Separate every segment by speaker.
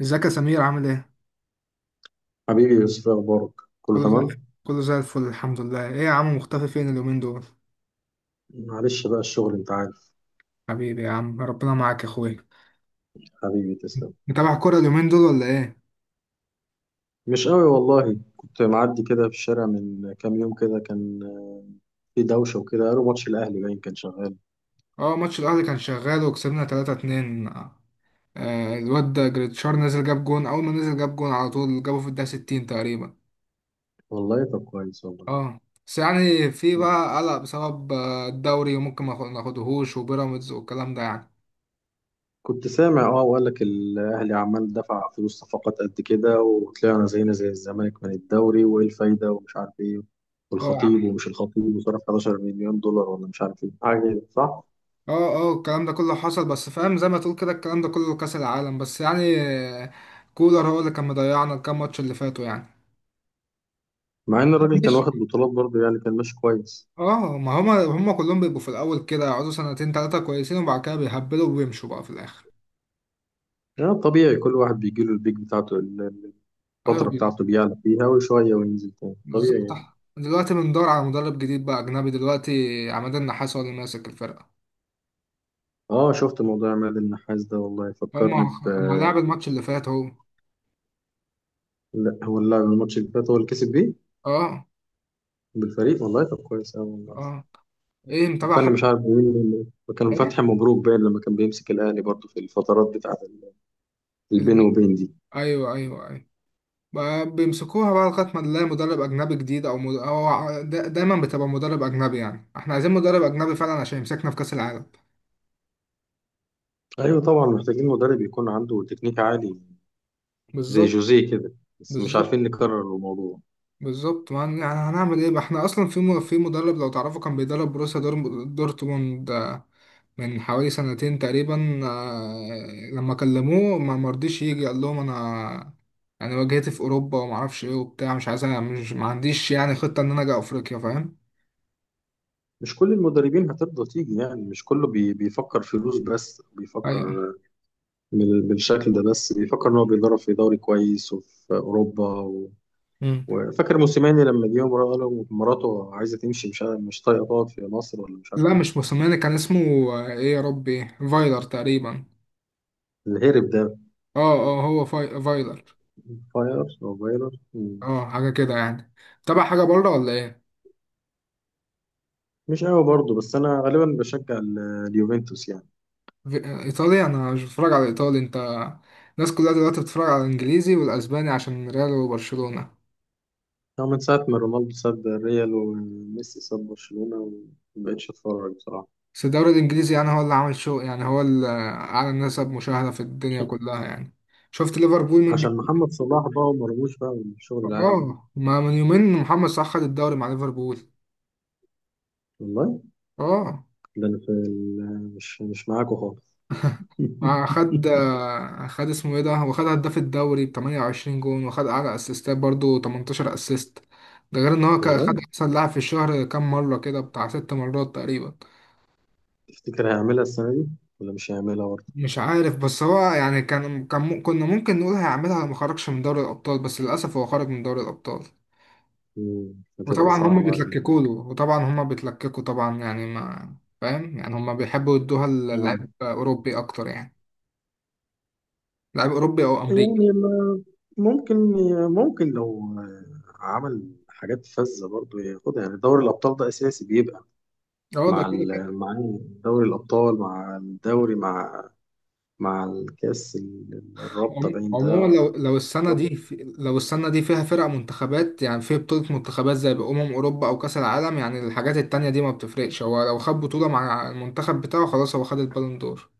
Speaker 1: ازيك يا سمير عامل ايه؟
Speaker 2: حبيبي يوسف، إيه اخبارك؟ كله
Speaker 1: كله زي
Speaker 2: تمام.
Speaker 1: كله زي الفل الحمد لله، ايه يا عم مختفي فين اليومين دول؟
Speaker 2: معلش بقى الشغل انت عارف.
Speaker 1: حبيبي يا عم ربنا معاك يا اخويا.
Speaker 2: حبيبي تسلم.
Speaker 1: متابع كورة اليومين دول ولا ايه؟
Speaker 2: مش قوي والله، كنت معدي كده في الشارع من كام يوم كده كان في دوشه وكده، قالوا ماتش الاهلي باين كان شغال.
Speaker 1: اه. ماتش الأهلي كان شغال وكسبنا 3-2. الواد ده جريتشار نزل جاب جون، أول ما نزل جاب جون على طول جابه في الدقيقة 60 تقريبا.
Speaker 2: والله طب كويس والله.
Speaker 1: اه. بس يعني في بقى قلق بسبب الدوري وممكن ما ناخدهوش وبيراميدز والكلام ده يعني.
Speaker 2: كنت سامع اه، وقال لك الاهلي عمال دفع فلوس صفقات قد كده وطلعنا زينا زي الزمالك من الدوري وايه الفايده ومش عارف ايه، والخطيب
Speaker 1: اه،
Speaker 2: ومش الخطيب وصرف 11 مليون دولار ولا مش عارف ايه حاجه كده، صح؟
Speaker 1: اه، اه. الكلام ده كله حصل بس فاهم زي ما تقول كده الكلام ده كله كأس العالم بس يعني. كولر هو اللي كان مضيعنا الكام ماتش اللي فاتوا يعني.
Speaker 2: مع ان الراجل كان
Speaker 1: ماشي.
Speaker 2: واخد بطولات برضه يعني كان ماشي كويس.
Speaker 1: اه. ما هما كلهم بيبقوا في الأول كده يقعدوا سنتين تلاتة كويسين وبعد كده بيهبلوا وبيمشوا بقى في الآخر.
Speaker 2: يعني طبيعي، كل واحد بيجي له البيك بتاعته،
Speaker 1: أيوة،
Speaker 2: الفترة بتاعته بيعلى فيها وشوية وينزل تاني،
Speaker 1: بالظبط.
Speaker 2: طبيعي يعني.
Speaker 1: دلوقتي بندور على مدرب جديد بقى أجنبي دلوقتي. عماد النحاس هو اللي ماسك الفرقة.
Speaker 2: اه شفت موضوع عماد النحاس ده، والله
Speaker 1: هما
Speaker 2: فكرني ب...
Speaker 1: ما لعب الماتش اللي فات اهو.
Speaker 2: لا هو اللاعب الماتش اللي فات هو اللي كسب بيه
Speaker 1: اه،
Speaker 2: بالفريق. والله طب كويس أوي والله.
Speaker 1: اه. ايه متابع
Speaker 2: فكرني
Speaker 1: حاجة.
Speaker 2: مش عارف مين كان،
Speaker 1: ايه
Speaker 2: فتحي مبروك باين، لما كان بيمسك الأهلي برضه في الفترات بتاعة البين
Speaker 1: ال-
Speaker 2: وبين دي.
Speaker 1: ايوه، ايوه، ايوه. ما بيمسكوها بقى لغاية ما نلاقي مدرب أجنبي جديد أو, مد... أو ع- دا- دايما بتبقى مدرب أجنبي يعني إحنا عايزين مدرب أجنبي فعلا عشان يمسكنا في كأس العالم.
Speaker 2: أيوه طبعا، محتاجين مدرب يكون عنده تكنيك عالي زي
Speaker 1: بالظبط.
Speaker 2: جوزيه كده، بس مش
Speaker 1: بالظبط.
Speaker 2: عارفين نكرر الموضوع.
Speaker 1: بالظبط. ما هن- يعني هنعمل إيه بقى إحنا أصلا في مدرب لو تعرفه كان بيدرب بروسيا دورتموند من حوالي سنتين تقريبا، لما كلموه ما مرضيش يجي قال لهم أنا يعني واجهتي في أوروبا ومعرفش إيه وبتاع مش عايز، أنا مش ما عنديش يعني خطة إن أنا أجي أفريقيا، فاهم؟
Speaker 2: مش كل المدربين هترضى تيجي، يعني مش كله بيفكر فلوس، بس
Speaker 1: أيوه.
Speaker 2: بيفكر بالشكل ده، بس بيفكر ان هو بيدرب في دوري كويس وفي اوروبا و...
Speaker 1: مم.
Speaker 2: وفاكر موسيماني لما جه قال له مراته عايزه تمشي، مش طايقه تقعد في مصر ولا مش عارف
Speaker 1: لا، مش
Speaker 2: ايه،
Speaker 1: موسوماني كان اسمه. ايه يا ربي، فايلر تقريبا.
Speaker 2: الهرب ده.
Speaker 1: اه، اه، هو فايلر.
Speaker 2: فاير او فايرر.
Speaker 1: اه، حاجة كده يعني. تابع حاجة بره ولا ايه؟
Speaker 2: مش قوي برضه، بس انا غالبا بشجع اليوفنتوس يعني.
Speaker 1: ايطالي، انا مش بتفرج على ايطالي انت. الناس كلها دلوقتي بتتفرج على الانجليزي والاسباني عشان ريال وبرشلونة.
Speaker 2: أنا من ساعه ما رونالدو ساب الريال وميسي ساب برشلونه ومبقتش اتفرج بصراحه.
Speaker 1: بس الدوري الانجليزي يعني هو اللي عامل شو، يعني هو اللي اعلى نسب مشاهدة في الدنيا كلها يعني. شفت ليفربول من.
Speaker 2: عشان محمد صلاح بقى ومرموش بقى والشغل ده.
Speaker 1: اه. ما من يومين محمد صلاح خد الدوري مع ليفربول.
Speaker 2: والله
Speaker 1: اه.
Speaker 2: ده انا في مش معاكوا خالص.
Speaker 1: خد، خد اسمه ايه ده، هو خد هداف الدوري ب 28 جون وخد اعلى اسيستات برضه 18 اسيست. ده غير ان هو خد
Speaker 2: والله
Speaker 1: احسن لاعب في الشهر كام مره كده، بتاع 6 مرات تقريبا.
Speaker 2: تفتكر هيعملها السنه دي ولا مش هيعملها برضه؟
Speaker 1: مش عارف، بس هو يعني كنا ممكن نقول هيعملها لو ما خرجش من دوري الابطال، بس للاسف هو خرج من دوري الابطال.
Speaker 2: مم، هتبقى
Speaker 1: وطبعا هما
Speaker 2: صعبه عليك.
Speaker 1: بيتلككوا له، وطبعا هما بيتلككوا، طبعا يعني ما، فاهم يعني، هما بيحبوا يدوها
Speaker 2: آه.
Speaker 1: للاعب اوروبي اكتر يعني. لاعب اوروبي او
Speaker 2: يعني
Speaker 1: امريكي.
Speaker 2: ما- ممكن، ممكن لو عمل حاجات فذة برضه ياخدها، يعني دوري الأبطال ده أساسي بيبقى،
Speaker 1: اه. ده
Speaker 2: مع
Speaker 1: كده كده.
Speaker 2: دوري الأبطال، مع الدوري، مع الكأس الرابطة باين
Speaker 1: عموما
Speaker 2: ده.
Speaker 1: لو السنة
Speaker 2: ظبط.
Speaker 1: دي لو السنة دي فيها فرق منتخبات، يعني في بطولة منتخبات زي أمم أوروبا أو كأس العالم، يعني الحاجات التانية دي ما بتفرقش. هو لو خد بطولة مع المنتخب بتاعه خلاص، هو خد البالون دور.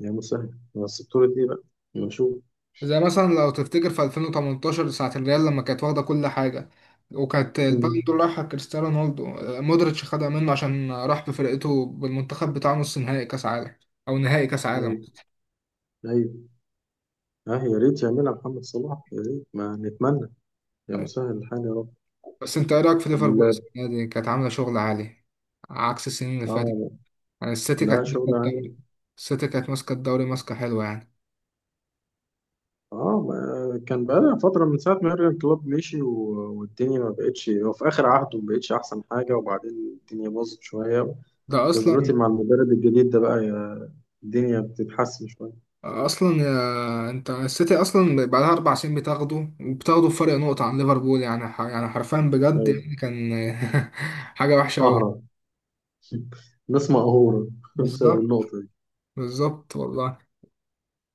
Speaker 2: يا مسهل، بس بطولة إيه بقى؟ نشوف.
Speaker 1: زي مثلا لو تفتكر في 2018 ساعة الريال لما كانت واخدة كل حاجة، وكانت البالون
Speaker 2: مم.
Speaker 1: دور رايحة كريستيانو رونالدو. مودريتش خدها منه عشان راح بفرقته بالمنتخب بتاعه نص نهائي كأس عالم، أو نهائي كأس عالم.
Speaker 2: أيوه أيوه. اه يا ريت يعملها محمد صلاح، يا ريت، ما نتمنى. يا مسهل الحال يا رب.
Speaker 1: بس أنت إيه رأيك في ليفربول؟
Speaker 2: لا.
Speaker 1: السنة دي كانت عاملة شغل عالي عكس السنين اللي فاتت.
Speaker 2: اه.
Speaker 1: يعني السيتي
Speaker 2: لا
Speaker 1: كانت ماسكة
Speaker 2: شغل عام.
Speaker 1: الدوري. السيتي كانت ماسكة الدوري ماسكة حلوة يعني.
Speaker 2: اه ما كان بقى فترة من ساعة ما يورجن كلوب مشي والدنيا ما بقتش، هو في آخر عهده ما بقتش أحسن حاجة، وبعدين الدنيا باظت شوية،
Speaker 1: ده
Speaker 2: بس
Speaker 1: أصلا.
Speaker 2: دلوقتي مع المدرب الجديد ده بقى الدنيا بتتحسن شوية.
Speaker 1: أصلا يا انت، السيتي أصلا بقالها 4 سنين بتاخده وبتاخده بفرق نقطة عن ليفربول، يعني يعني حرفيا بجد
Speaker 2: أيوة.
Speaker 1: يعني كان حاجة وحشة أوي.
Speaker 2: أهرب. ناس مقهورة بسبب
Speaker 1: بالظبط.
Speaker 2: النقطة دي.
Speaker 1: بالظبط والله.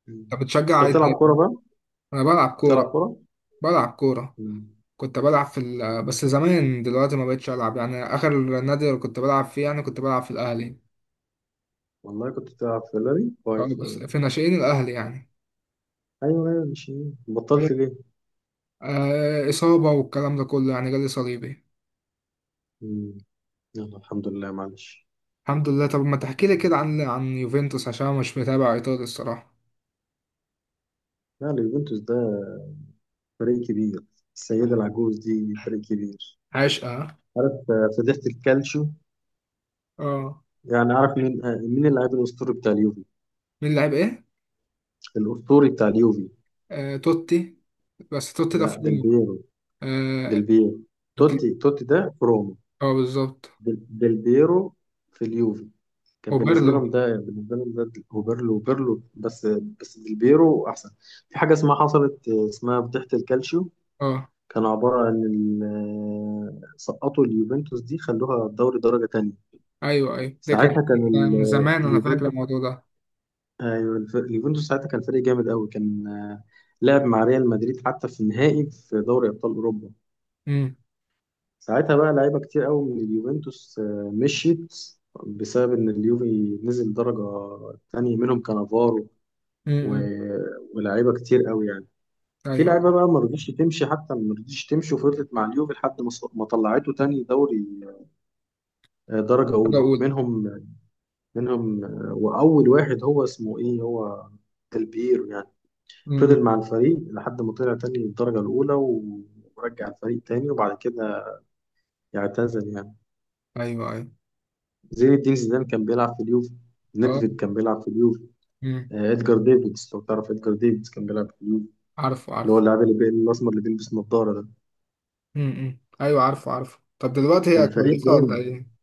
Speaker 2: مم.
Speaker 1: أنت بتشجع
Speaker 2: أنت
Speaker 1: إيه
Speaker 2: بتلعب كورة
Speaker 1: تاني؟
Speaker 2: بقى؟
Speaker 1: أنا بلعب
Speaker 2: بتلعب
Speaker 1: كورة.
Speaker 2: كورة؟
Speaker 1: بلعب كورة.
Speaker 2: مم.
Speaker 1: كنت بلعب بس زمان، دلوقتي ما بقتش ألعب، يعني آخر نادي كنت بلعب فيه يعني كنت بلعب في الأهلي.
Speaker 2: والله كنت بتلعب في اللاري
Speaker 1: أه،
Speaker 2: كويس.
Speaker 1: بس في ناشئين الأهلي يعني.
Speaker 2: ايوه ايوه. مش بطلت ليه؟
Speaker 1: إصابة والكلام ده كله يعني، جالي صليبي.
Speaker 2: مم. يلا الحمد لله، معلش.
Speaker 1: الحمد لله. طب ما تحكي لي كده عن يوفنتوس، عشان أنا مش متابع إيطالي الصراحة.
Speaker 2: يعني يوفنتوس ده فريق كبير، السيدة العجوز دي فريق كبير.
Speaker 1: عشقة.
Speaker 2: عارف فضيحة الكالتشو؟
Speaker 1: اه.
Speaker 2: يعني عارف مين مين اللاعب الأسطوري بتاع اليوفي؟
Speaker 1: مين لعب إيه؟
Speaker 2: الأسطوري بتاع اليوفي.
Speaker 1: توتي. بس توتي ده
Speaker 2: لا،
Speaker 1: في
Speaker 2: ديل
Speaker 1: روما.
Speaker 2: بيرو. ديل
Speaker 1: اه.
Speaker 2: بيرو.
Speaker 1: دي-
Speaker 2: توتي، توتي ده في روما.
Speaker 1: بالظبط.
Speaker 2: ديل بيرو في اليوفي، كان بالنسبة
Speaker 1: وبيرلو.
Speaker 2: لهم ده، بالنسبة لهم ده وبيرلو، وبيرلو بس، بس ديل بيرو أحسن. في حاجة اسمها حصلت اسمها فضيحة الكالتشو،
Speaker 1: اه.
Speaker 2: كان عبارة عن سقطوا اليوفنتوس دي، خلوها الدوري درجة تانية.
Speaker 1: أيوه، أيوه، ده كان
Speaker 2: ساعتها كان
Speaker 1: من زمان. أنا فاكر
Speaker 2: اليوفنتوس،
Speaker 1: الموضوع ده.
Speaker 2: أيوة، اليوفنتوس ساعتها كان فريق جامد قوي، كان لعب مع ريال مدريد حتى في النهائي في دوري أبطال أوروبا.
Speaker 1: امم.
Speaker 2: ساعتها بقى لعيبة كتير قوي من اليوفنتوس مشيت بسبب إن اليوفي نزل درجة تانية، منهم كانافارو
Speaker 1: امم. إمم.
Speaker 2: و- ولاعيبة كتير قوي يعني. في
Speaker 1: أيوه.
Speaker 2: لعيبة بقى ما رضيتش تمشي، حتى ما رضيتش تمشي وفضلت مع اليوفي لحد ما ما طلعته تاني دوري درجة
Speaker 1: حاجة
Speaker 2: أولى،
Speaker 1: أولى.
Speaker 2: منهم، منهم وأول واحد هو اسمه إيه، هو دلبير يعني،
Speaker 1: امم. إمم.
Speaker 2: فضل مع الفريق لحد ما طلع تاني الدرجة الأولى ورجع الفريق تاني، وبعد كده اعتزل يعني.
Speaker 1: أيوه، أيوه.
Speaker 2: زين الدين زيدان كان بيلعب في اليوفي،
Speaker 1: اه.
Speaker 2: ندفيد كان بيلعب في اليوفي،
Speaker 1: امم.
Speaker 2: إدجار ديفيدز، لو تعرف إدجار ديفيدز كان بيلعب في اليوفي،
Speaker 1: عارفه
Speaker 2: اللي هو
Speaker 1: عارفه.
Speaker 2: اللاعب اللي الأسمر اللي بيلبس نظارة ده.
Speaker 1: امم. إمم. أيوه عارفه عارفه. طب دلوقتي هي
Speaker 2: كان فريق
Speaker 1: كويسة ولا
Speaker 2: جامد.
Speaker 1: إيه؟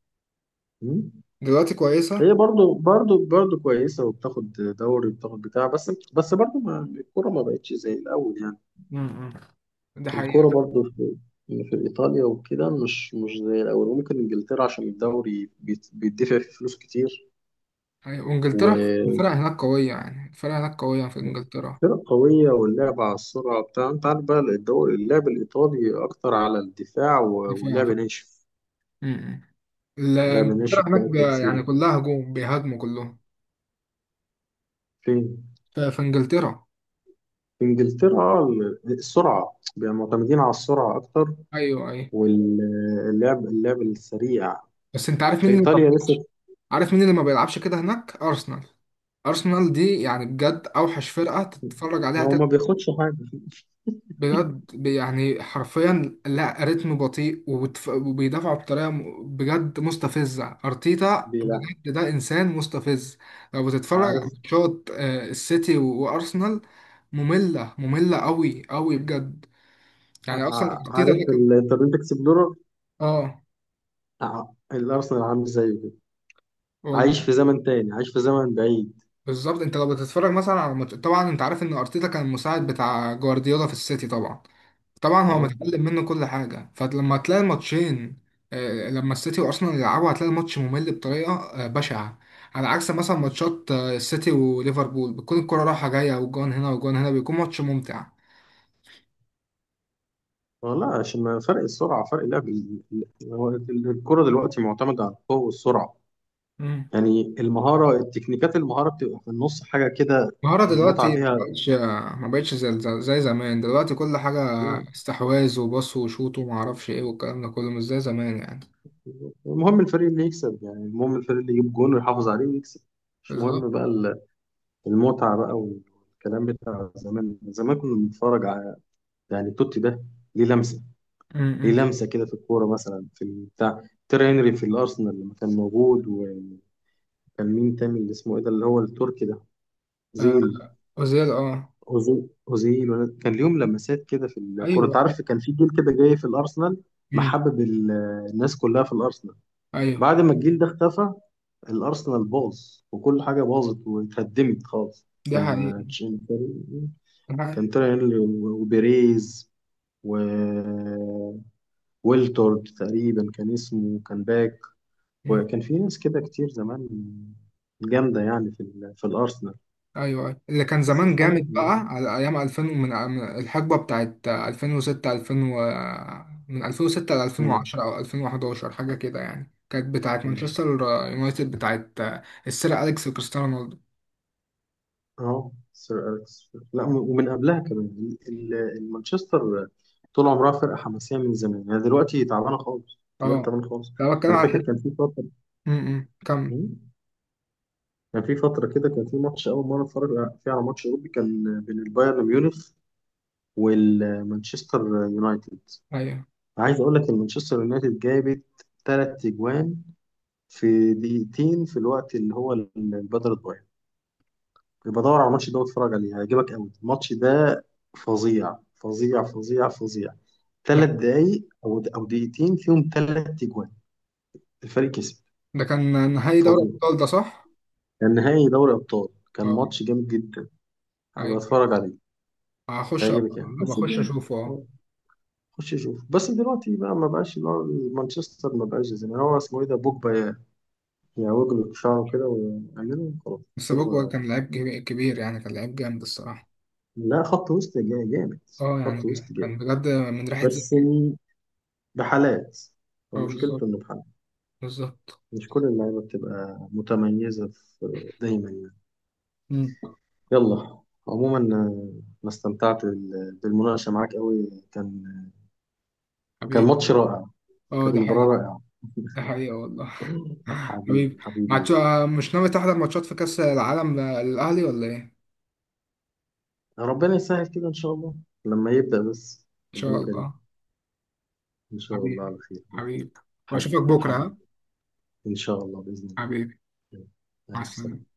Speaker 2: مم.
Speaker 1: دلوقتي كويسة؟
Speaker 2: هي برضو كويسة، وبتاخد دوري وبتاخد بتاع، بس بس برضو ما الكورة ما بقتش زي الأول يعني.
Speaker 1: امم. ده حقيقة.
Speaker 2: الكورة برضو في، في إيطاليا وكده مش زي الأول، وممكن إنجلترا عشان الدوري بيدفع فيه فلوس كتير،
Speaker 1: حقيقة. وانجلترا
Speaker 2: وفرق
Speaker 1: الفرق هناك قوية، يعني الفرق هناك قوية في انجلترا.
Speaker 2: قوية، واللعب على السرعة بتاع، أنت عارف بقى الدوري اللعب الإيطالي أكتر على الدفاع
Speaker 1: دي فيها
Speaker 2: ولعب
Speaker 1: فرق.
Speaker 2: ناشف.
Speaker 1: امم.
Speaker 2: لعب ناشف
Speaker 1: انجلترا هناك
Speaker 2: بقى، تكسيره
Speaker 1: يعني كلها هجوم، بيهاجموا كلهم.
Speaker 2: فين؟
Speaker 1: في انجلترا.
Speaker 2: في إنجلترا السرعة، بيبقوا معتمدين على السرعة أكتر،
Speaker 1: ايوه، ايوه.
Speaker 2: واللعب، اللعب السريع.
Speaker 1: بس انت عارف
Speaker 2: في
Speaker 1: مين اللي ما
Speaker 2: إيطاليا
Speaker 1: بيلعبش.
Speaker 2: لسه.
Speaker 1: عارف مين اللي ما بيلعبش كده هناك؟ ارسنال. ارسنال دي يعني بجد اوحش فرقة تتفرج عليها.
Speaker 2: ما هو ما بياخدش حاجة،
Speaker 1: بجد يعني حرفيا، لا رتم بطيء وبيدافعوا بطريقه بجد مستفزه. ارتيتا
Speaker 2: بيلعب.
Speaker 1: بجد ده انسان مستفز. لو بتتفرج على
Speaker 2: عارف،
Speaker 1: ماتشات السيتي وارسنال، ممله ممله قوي قوي بجد. يعني اصلا ارتيتا
Speaker 2: عارف
Speaker 1: ده كان.
Speaker 2: الانترنت اكسبلورر
Speaker 1: اه.
Speaker 2: بتاع الارسنال عامل زيه كده،
Speaker 1: والله.
Speaker 2: عايش في زمن تاني، عايش في زمن بعيد.
Speaker 1: بالظبط. انت لو بتتفرج مثلا على ماتش، طبعا انت عارف ان ارتيتا كان المساعد بتاع جوارديولا في السيتي طبعا. طبعا هو
Speaker 2: اه
Speaker 1: متعلم منه كل حاجة، فلما تلاقي الماتشين، لما السيتي وارسنال يلعبوا، هتلاقي الماتش ممل بطريقة بشعة. على عكس مثلا ماتشات السيتي وليفربول، بتكون الكرة رايحة جاية وجون هنا وجون هنا، بيكون ماتش ممتع.
Speaker 2: والله، عشان ما فرق السرعه، فرق اللعب هو الكره دلوقتي معتمده على القوه والسرعه،
Speaker 1: مم.
Speaker 2: يعني المهاره، التكنيكات، المهاره بتبقى في النص حاجه كده،
Speaker 1: المهارة
Speaker 2: المتعه
Speaker 1: دلوقتي
Speaker 2: فيها.
Speaker 1: ما بقتش زي زمان، دلوقتي كل حاجة
Speaker 2: لا،
Speaker 1: استحواذ وباص وشوط وما اعرفش ايه، والكلام ده كله مش زي زمان يعني.
Speaker 2: المهم الفريق اللي يكسب، يعني المهم الفريق اللي يجيب جون ويحافظ عليه ويكسب، مش
Speaker 1: بالظبط.
Speaker 2: مهم بقى المتعه بقى والكلام بتاع زمان. زمان كنا بنتفرج على، يعني توتي ده، ليه لمسه، ليه
Speaker 1: مم.
Speaker 2: لمسه كده في الكوره، مثلا في البتاع، تيري هنري في الارسنال لما كان موجود، وكان مين تاني اللي اسمه ايه ده، اللي هو التركي ده،
Speaker 1: آه،
Speaker 2: اوزيل،
Speaker 1: أوزيل. اه.
Speaker 2: أوزو- اوزيل كان ليهم لمسات كده في الكوره،
Speaker 1: ايوه،
Speaker 2: انت
Speaker 1: أيوه.
Speaker 2: عارف كان في جيل كده جاي في الارسنال
Speaker 1: مم.
Speaker 2: محبب الناس كلها في الارسنال.
Speaker 1: ايوه.
Speaker 2: بعد ما الجيل ده اختفى، الارسنال باظ، وكل حاجه باظت واتهدمت خالص.
Speaker 1: دي
Speaker 2: لما
Speaker 1: حقيقة.
Speaker 2: تشين-
Speaker 1: دي حقيقة.
Speaker 2: كان تيري هنري وبيريز و ويلتورد تقريبا كان اسمه، كان باك،
Speaker 1: مم.
Speaker 2: وكان في ناس كده كتير زمان جامدة يعني في في الأرسنال،
Speaker 1: ايوه اللي كان
Speaker 2: بس
Speaker 1: زمان جامد
Speaker 2: خلاص.
Speaker 1: بقى على ايام 2000، ومن الحقبه بتاعت 2006، من 2006 ل
Speaker 2: مم.
Speaker 1: 2010 او 2011 حاجه كده يعني، كانت بتاعت
Speaker 2: مم.
Speaker 1: مانشستر يونايتد، بتاعت السير اليكس وكريستيانو رونالدو.
Speaker 2: اه سير أليكس، لا م- ومن قبلها كمان مانشستر، طول عمرها فرقة حماسية من زمان، يعني دلوقتي تعبانة خالص، دلوقتي
Speaker 1: اه.
Speaker 2: تعبانة خالص.
Speaker 1: لو بتكلم
Speaker 2: أنا
Speaker 1: على
Speaker 2: فاكر
Speaker 1: الحته.
Speaker 2: كان في فترة.
Speaker 1: م- م. كم.
Speaker 2: مم. كان في فترة كده، كان في ماتش أول مرة أتفرج فيه على ماتش أوروبي، كان بين البايرن ميونخ والمانشستر يونايتد.
Speaker 1: ايوه.
Speaker 2: عايز أقول لك المانشستر يونايتد جابت ثلاث أجوان في دقيقتين، في الوقت اللي هو البدل الضايع. يبقى دور على الماتش ده واتفرج عليه، هيعجبك قوي الماتش ده، فظيع فظيع فظيع فظيع.
Speaker 1: أنا-
Speaker 2: ثلاث دقايق او دقيقتين فيهم ثلاث اجوان، الفريق كسب،
Speaker 1: ده كان نهائي دوري
Speaker 2: فظيع.
Speaker 1: الابطال ده، صح؟
Speaker 2: كان نهائي دوري ابطال، كان
Speaker 1: اه.
Speaker 2: ماتش جامد جدا. هبقى
Speaker 1: ايوه.
Speaker 2: اتفرج عليه،
Speaker 1: هخش
Speaker 2: هيعجبك
Speaker 1: هبقى.
Speaker 2: يعني، بس
Speaker 1: اخش
Speaker 2: ده.
Speaker 1: اشوفه. اه.
Speaker 2: خش شوف، بس دلوقتي بقى ما بقاش اللي هو مانشستر، ما بقاش زي ما، هو اسمه ايه ده، بوجبا، يعوج له شعره كده ويعمله وخلاص.
Speaker 1: بس بوجبا
Speaker 2: شكرا.
Speaker 1: كان لعيب كبير، يعني كان لعيب جامد الصراحه.
Speaker 2: لا، خط وسط جامد،
Speaker 1: اه،
Speaker 2: خط
Speaker 1: يعني
Speaker 2: وسط جامد،
Speaker 1: كان بجد من ريحه زي.
Speaker 2: بس م- بحالات، هو
Speaker 1: اه. بالظبط.
Speaker 2: مشكلته انه بحالات،
Speaker 1: بالظبط.
Speaker 2: مش كل اللعيبه بتبقى متميزه في دايما يعني.
Speaker 1: مم.
Speaker 2: يلا، عموما انا استمتعت بالمناقشه معاك قوي، كان، كان
Speaker 1: حبيبي.
Speaker 2: ماتش رائع،
Speaker 1: اه
Speaker 2: كانت
Speaker 1: ده
Speaker 2: مباراه
Speaker 1: حقيقة.
Speaker 2: رائعه.
Speaker 1: ده حقيقة والله.
Speaker 2: حبيبي
Speaker 1: حبيبي،
Speaker 2: حبيبي
Speaker 1: ماتش
Speaker 2: يوسف.
Speaker 1: مش ناوي تحضر ماتشات في كأس العالم للأهلي ولا إيه؟ إن
Speaker 2: ربنا يسهل كده ان شاء الله، لما يبدا بس،
Speaker 1: شاء
Speaker 2: ربنا كريم.
Speaker 1: الله.
Speaker 2: ان شاء الله
Speaker 1: حبيبي،
Speaker 2: على خير.
Speaker 1: حبيبي. وأشوفك
Speaker 2: حبيبي
Speaker 1: بكرة، ها؟
Speaker 2: حبيبي. ان شاء الله باذن الله.
Speaker 1: حبيبي. مع
Speaker 2: يلا، سلام.
Speaker 1: السلامة.